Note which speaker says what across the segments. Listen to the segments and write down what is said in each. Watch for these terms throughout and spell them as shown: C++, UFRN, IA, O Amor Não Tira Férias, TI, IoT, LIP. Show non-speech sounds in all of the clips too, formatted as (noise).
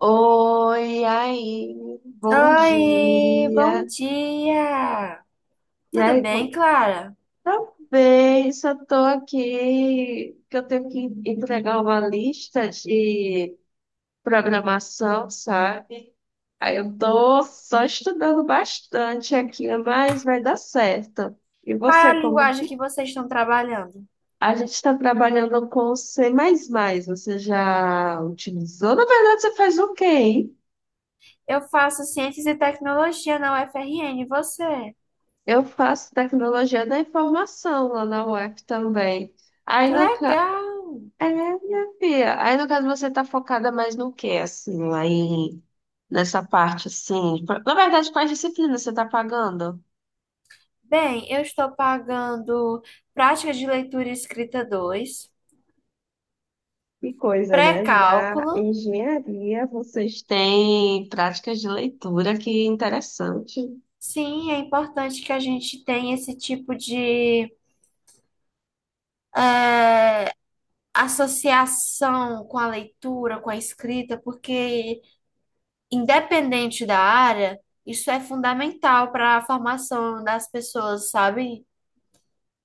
Speaker 1: Oi, e aí, bom
Speaker 2: Oi, bom
Speaker 1: dia.
Speaker 2: dia!
Speaker 1: E
Speaker 2: Tudo
Speaker 1: aí, como
Speaker 2: bem,
Speaker 1: que
Speaker 2: Clara?
Speaker 1: tá bem? Só tô aqui que eu tenho que entregar uma lista de programação, sabe? Aí eu tô só estudando bastante aqui, mas vai dar certo. E
Speaker 2: Qual é
Speaker 1: você,
Speaker 2: a
Speaker 1: como
Speaker 2: linguagem que vocês estão trabalhando?
Speaker 1: a gente está trabalhando com C++, mais, você já utilizou? Na verdade, você faz o quê, hein?
Speaker 2: Eu faço Ciências e Tecnologia na UFRN, e você?
Speaker 1: Eu faço tecnologia da informação lá na UF também. Aí
Speaker 2: Que
Speaker 1: no ca...
Speaker 2: legal!
Speaker 1: É, minha filha. Aí no caso você tá focada mais no quê, assim, lá em nessa parte, assim? Na verdade, quais disciplinas você tá pagando?
Speaker 2: Bem, eu estou pagando Prática de Leitura e Escrita 2,
Speaker 1: Que coisa, né? Na
Speaker 2: pré-cálculo.
Speaker 1: engenharia. Vocês têm práticas de leitura, que interessante.
Speaker 2: Sim, é importante que a gente tenha esse tipo de eh, associação com a leitura, com a escrita, porque independente da área, isso é fundamental para a formação das pessoas, sabe?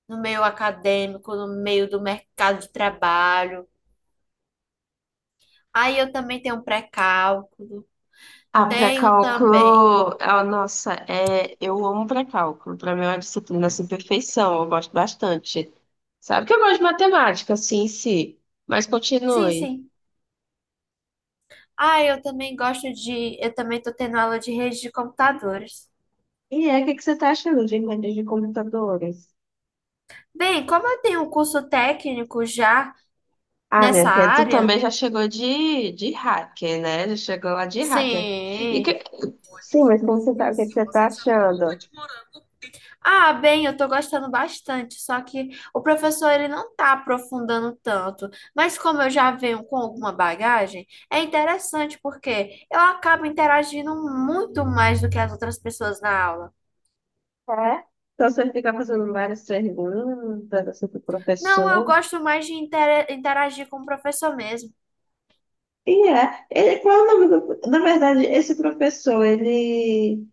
Speaker 2: No meio acadêmico, no meio do mercado de trabalho. Aí eu também tenho um pré-cálculo,
Speaker 1: Ah,
Speaker 2: tenho também.
Speaker 1: pré-cálculo, ah, nossa, é, eu amo pré-cálculo. Para mim é uma disciplina assim, perfeição, eu gosto bastante. Sabe que eu gosto de matemática, assim, em si, mas
Speaker 2: Sim,
Speaker 1: continue.
Speaker 2: sim. Ah, eu também gosto de. Eu também estou tendo aula de rede de computadores.
Speaker 1: E é, o que que você tá achando de inventos de computadores?
Speaker 2: Bem, como eu tenho um curso técnico já
Speaker 1: Ah, minha
Speaker 2: nessa
Speaker 1: filha, tu
Speaker 2: área,
Speaker 1: também já chegou de hacker, né? Já chegou lá de hacker. E
Speaker 2: sim.
Speaker 1: que... Sim, mas como você tá, o que que você tá achando?
Speaker 2: Ah, bem, eu tô gostando bastante, só que o professor ele não tá aprofundando tanto. Mas como eu já venho com alguma bagagem, é interessante porque eu acabo interagindo muito mais do que as outras pessoas na aula.
Speaker 1: É? Então você fica fazendo várias perguntas assim, pro
Speaker 2: Não, eu
Speaker 1: professor.
Speaker 2: gosto mais de interagir com o professor mesmo.
Speaker 1: E é. Ele, qual é o nome do... Na verdade, esse professor, ele...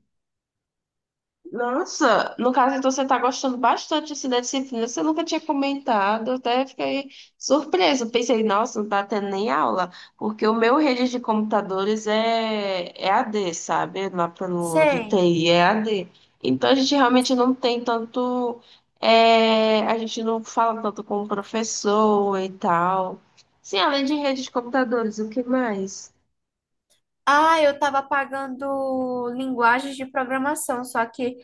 Speaker 1: Nossa, no caso, então você está gostando bastante assim, da disciplina. Você nunca tinha comentado, até fiquei surpresa. Pensei, nossa, não está tendo nem aula, porque o meu rede de computadores é a d, sabe? Lá pelo de
Speaker 2: Sei.
Speaker 1: TI é a d. Então a gente realmente não tem tanto. É, a gente não fala tanto com o professor e tal. Sim, além de rede de computadores, o que mais?
Speaker 2: Ah, eu estava pagando linguagens de programação, só que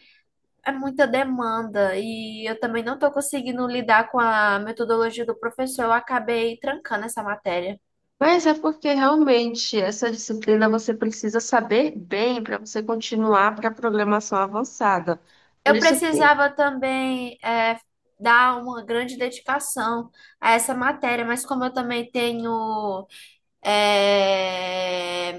Speaker 2: é muita demanda e eu também não estou conseguindo lidar com a metodologia do professor, eu acabei trancando essa matéria.
Speaker 1: Mas é porque realmente essa disciplina você precisa saber bem para você continuar para a programação avançada. Por
Speaker 2: Eu
Speaker 1: isso que...
Speaker 2: precisava também dar uma grande dedicação a essa matéria, mas como eu também tenho é,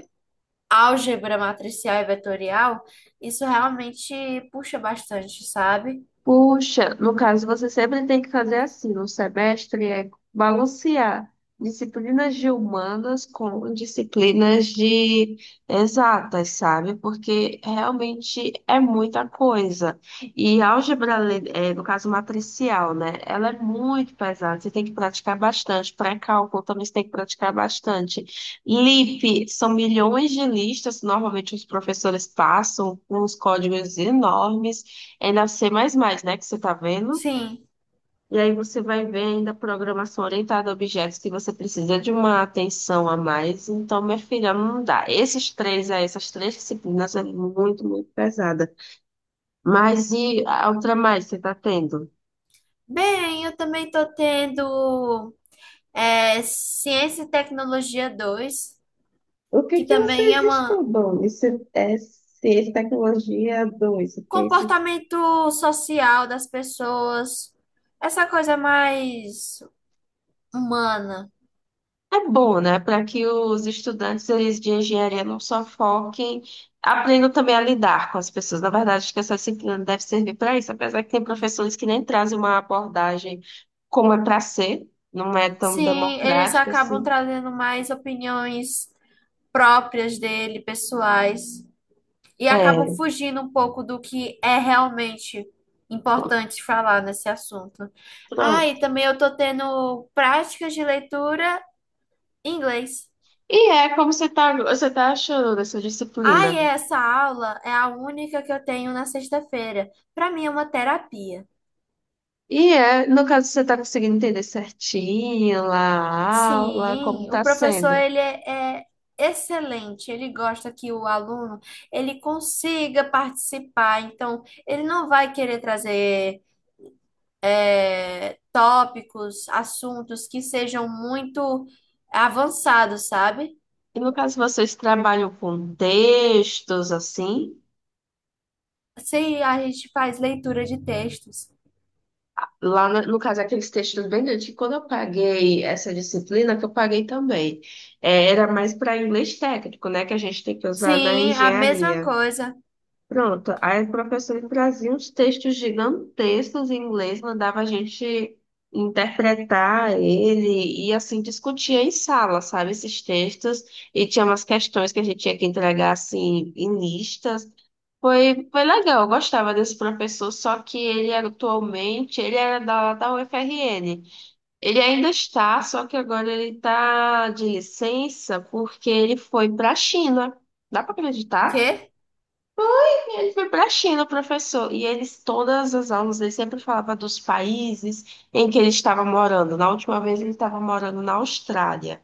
Speaker 2: álgebra matricial e vetorial, isso realmente puxa bastante, sabe?
Speaker 1: Puxa, no caso, você sempre tem que fazer assim, no semestre é balancear disciplinas de humanas com disciplinas de exatas, sabe? Porque realmente é muita coisa. E álgebra, é, no caso matricial, né? Ela é muito pesada, você tem que praticar bastante. Pré-cálculo também você tem que praticar bastante. LIP, são milhões de listas, normalmente os professores passam com uns códigos enormes. É na C++, né, que você está vendo.
Speaker 2: Sim.
Speaker 1: E aí você vai ver ainda a programação orientada a objetos que você precisa de uma atenção a mais. Então, minha filha, não dá. Esses três, é, essas três disciplinas é muito, muito pesada. Mas e a outra mais você está tendo?
Speaker 2: Bem, eu também estou tendo Ciência e Tecnologia 2,
Speaker 1: O que
Speaker 2: que
Speaker 1: que
Speaker 2: também
Speaker 1: vocês
Speaker 2: é um
Speaker 1: estudam? Isso é C, Tecnologia 2? O que é isso?
Speaker 2: comportamento social das pessoas, essa coisa mais humana.
Speaker 1: É bom, né, para que os estudantes eles de engenharia não só foquem, aprendam também a lidar com as pessoas. Na verdade, acho que essa disciplina deve servir para isso, apesar que tem professores que nem trazem uma abordagem como é para ser, não é tão
Speaker 2: Sim, eles
Speaker 1: democrática
Speaker 2: acabam
Speaker 1: assim.
Speaker 2: trazendo mais opiniões próprias dele, pessoais, e acabam
Speaker 1: É,
Speaker 2: fugindo um pouco do que é realmente importante falar nesse assunto. Ah, e
Speaker 1: pronto.
Speaker 2: também eu tô tendo práticas de leitura em inglês.
Speaker 1: E é como você tá achando dessa
Speaker 2: Ah,
Speaker 1: disciplina?
Speaker 2: e essa aula é a única que eu tenho na sexta-feira. Para mim é uma terapia.
Speaker 1: E é, no caso, você tá conseguindo entender certinho lá a aula, como
Speaker 2: Sim, o
Speaker 1: tá
Speaker 2: professor
Speaker 1: sendo?
Speaker 2: ele é, é excelente, ele gosta que o aluno ele consiga participar, então ele não vai querer trazer tópicos, assuntos que sejam muito avançados, sabe?
Speaker 1: E no caso, vocês trabalham com textos assim?
Speaker 2: Sim, a gente faz leitura de textos.
Speaker 1: Lá, no caso, aqueles textos bem grandes, que quando eu paguei essa disciplina, que eu paguei também, é, era mais para inglês técnico, né, que a gente tem que usar na
Speaker 2: Sim, a mesma
Speaker 1: engenharia.
Speaker 2: coisa.
Speaker 1: Pronto, aí o professor trazia uns textos gigantescos em inglês, mandava a gente interpretar ele e assim discutia em sala, sabe, esses textos, e tinha umas questões que a gente tinha que entregar assim em listas. Foi legal, eu gostava desse professor, só que ele era atualmente, ele era da UFRN. Ele ainda está, só que agora ele está de licença porque ele foi para a China. Dá para acreditar?
Speaker 2: Quê?
Speaker 1: E ele foi para a China, o professor, e eles, todas as aulas, ele sempre falava dos países em que ele estava morando. Na última vez, ele estava morando na Austrália.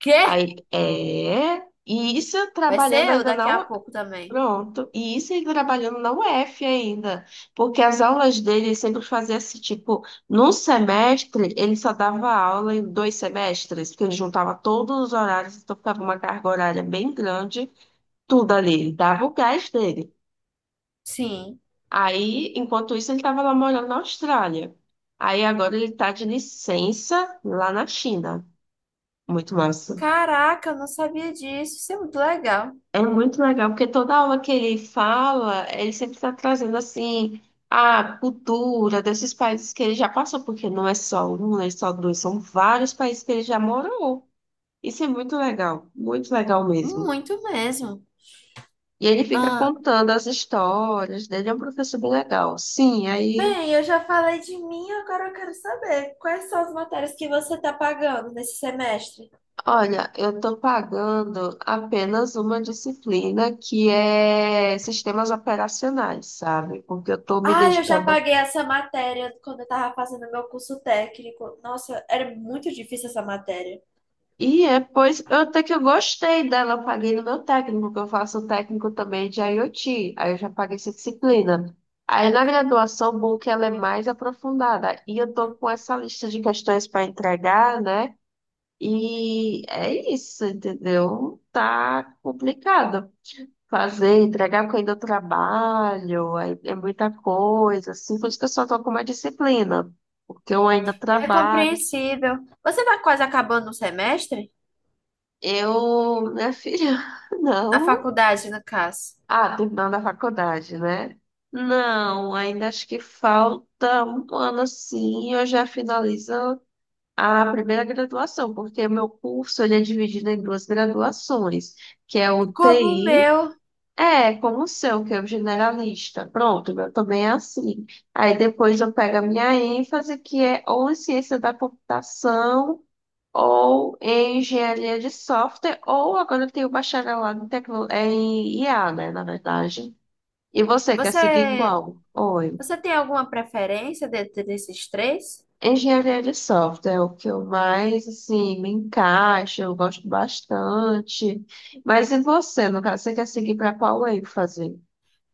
Speaker 2: Quê?
Speaker 1: Aí, é, e isso
Speaker 2: Vai
Speaker 1: trabalhando
Speaker 2: ser eu
Speaker 1: ainda na
Speaker 2: daqui a
Speaker 1: U-
Speaker 2: pouco também.
Speaker 1: Pronto, e isso ele trabalhando na UF ainda, porque as aulas dele ele sempre fazia assim, tipo, num semestre, ele só dava aula em dois semestres, porque ele juntava todos os horários, então ficava uma carga horária bem grande, tudo ali, ele dava o gás dele.
Speaker 2: Sim.
Speaker 1: Aí, enquanto isso, ele estava lá morando na Austrália. Aí agora ele está de licença lá na China. Muito massa.
Speaker 2: Caraca, eu não sabia disso. Isso é muito legal.
Speaker 1: É muito legal, porque toda aula que ele fala, ele sempre está trazendo assim a cultura desses países que ele já passou, porque não é só um, não é só dois, são vários países que ele já morou. Isso é muito legal mesmo.
Speaker 2: Muito mesmo.
Speaker 1: E ele fica
Speaker 2: Ah,
Speaker 1: contando as histórias dele, é um professor bem legal. Sim, aí.
Speaker 2: bem, eu já falei de mim, agora eu quero saber quais são as matérias que você está pagando nesse semestre.
Speaker 1: Olha, eu estou pagando apenas uma disciplina que é sistemas operacionais, sabe? Porque eu estou me
Speaker 2: Ah, eu já
Speaker 1: dedicando.
Speaker 2: paguei essa matéria quando eu estava fazendo meu curso técnico. Nossa, era muito difícil essa matéria.
Speaker 1: E é, pois eu até que eu gostei dela, eu paguei no meu técnico, porque eu faço técnico também de IoT, aí eu já paguei essa disciplina. Aí na graduação, bom que ela é mais aprofundada, e eu estou com essa lista de questões para entregar, né? E é isso, entendeu? Tá complicado fazer, entregar porque eu ainda trabalho, aí é muita coisa, assim, por isso que eu só tô com uma disciplina, porque eu ainda
Speaker 2: É
Speaker 1: trabalho.
Speaker 2: compreensível. Você está quase acabando o semestre?
Speaker 1: Eu, minha filha, (laughs)
Speaker 2: A
Speaker 1: não.
Speaker 2: faculdade, no caso.
Speaker 1: Ah, terminando a faculdade, né? Não, ainda acho que falta um ano assim, eu já finalizo a primeira graduação, porque meu curso ele é dividido em duas graduações, que é o
Speaker 2: Como o
Speaker 1: TI.
Speaker 2: meu,
Speaker 1: É, como o seu, que é o generalista. Pronto, eu também é assim. Aí depois eu pego a minha ênfase, que é ou em ciência da computação, ou em engenharia de software, ou agora eu tenho um bacharelado em, tecno... é, em IA, né, na verdade. E você quer seguir
Speaker 2: você,
Speaker 1: qual? Oi.
Speaker 2: você tem alguma preferência dentre esses três?
Speaker 1: Engenharia de software é o que eu mais, assim, me encaixo, eu gosto bastante. Mas e você, no caso, você quer seguir para qual ênfase?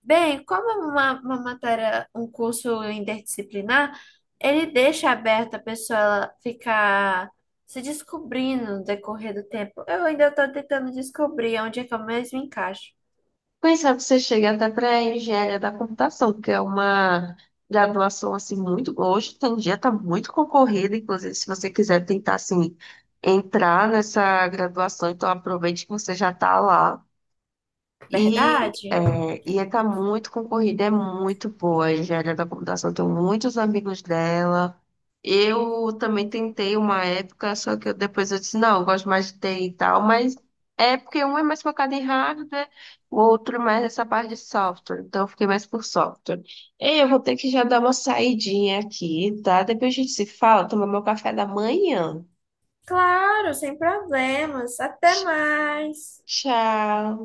Speaker 2: Bem, como é uma matéria, um curso interdisciplinar, ele deixa aberta a pessoa ela ficar se descobrindo no decorrer do tempo. Eu ainda estou tentando descobrir onde é que eu mesmo encaixo.
Speaker 1: Quem sabe você chega até para engenharia da computação, que é uma graduação assim muito hoje em dia está muito concorrida, inclusive se você quiser tentar assim entrar nessa graduação, então aproveite que você já está lá. E,
Speaker 2: Verdade?
Speaker 1: é, e está muito concorrida, é muito boa. A engenharia da computação, tenho muitos amigos dela. Eu também tentei uma época, só que eu- depois eu disse, não, eu gosto mais de TI e tal, mas é porque um é mais focado em hardware, o outro é mais nessa parte de software. Então eu fiquei mais por software. Ei, eu vou ter que já dar uma saidinha aqui, tá? Depois a gente se fala, tomar meu café da manhã.
Speaker 2: Claro, sem problemas. Até
Speaker 1: Tch-
Speaker 2: mais.
Speaker 1: Tchau.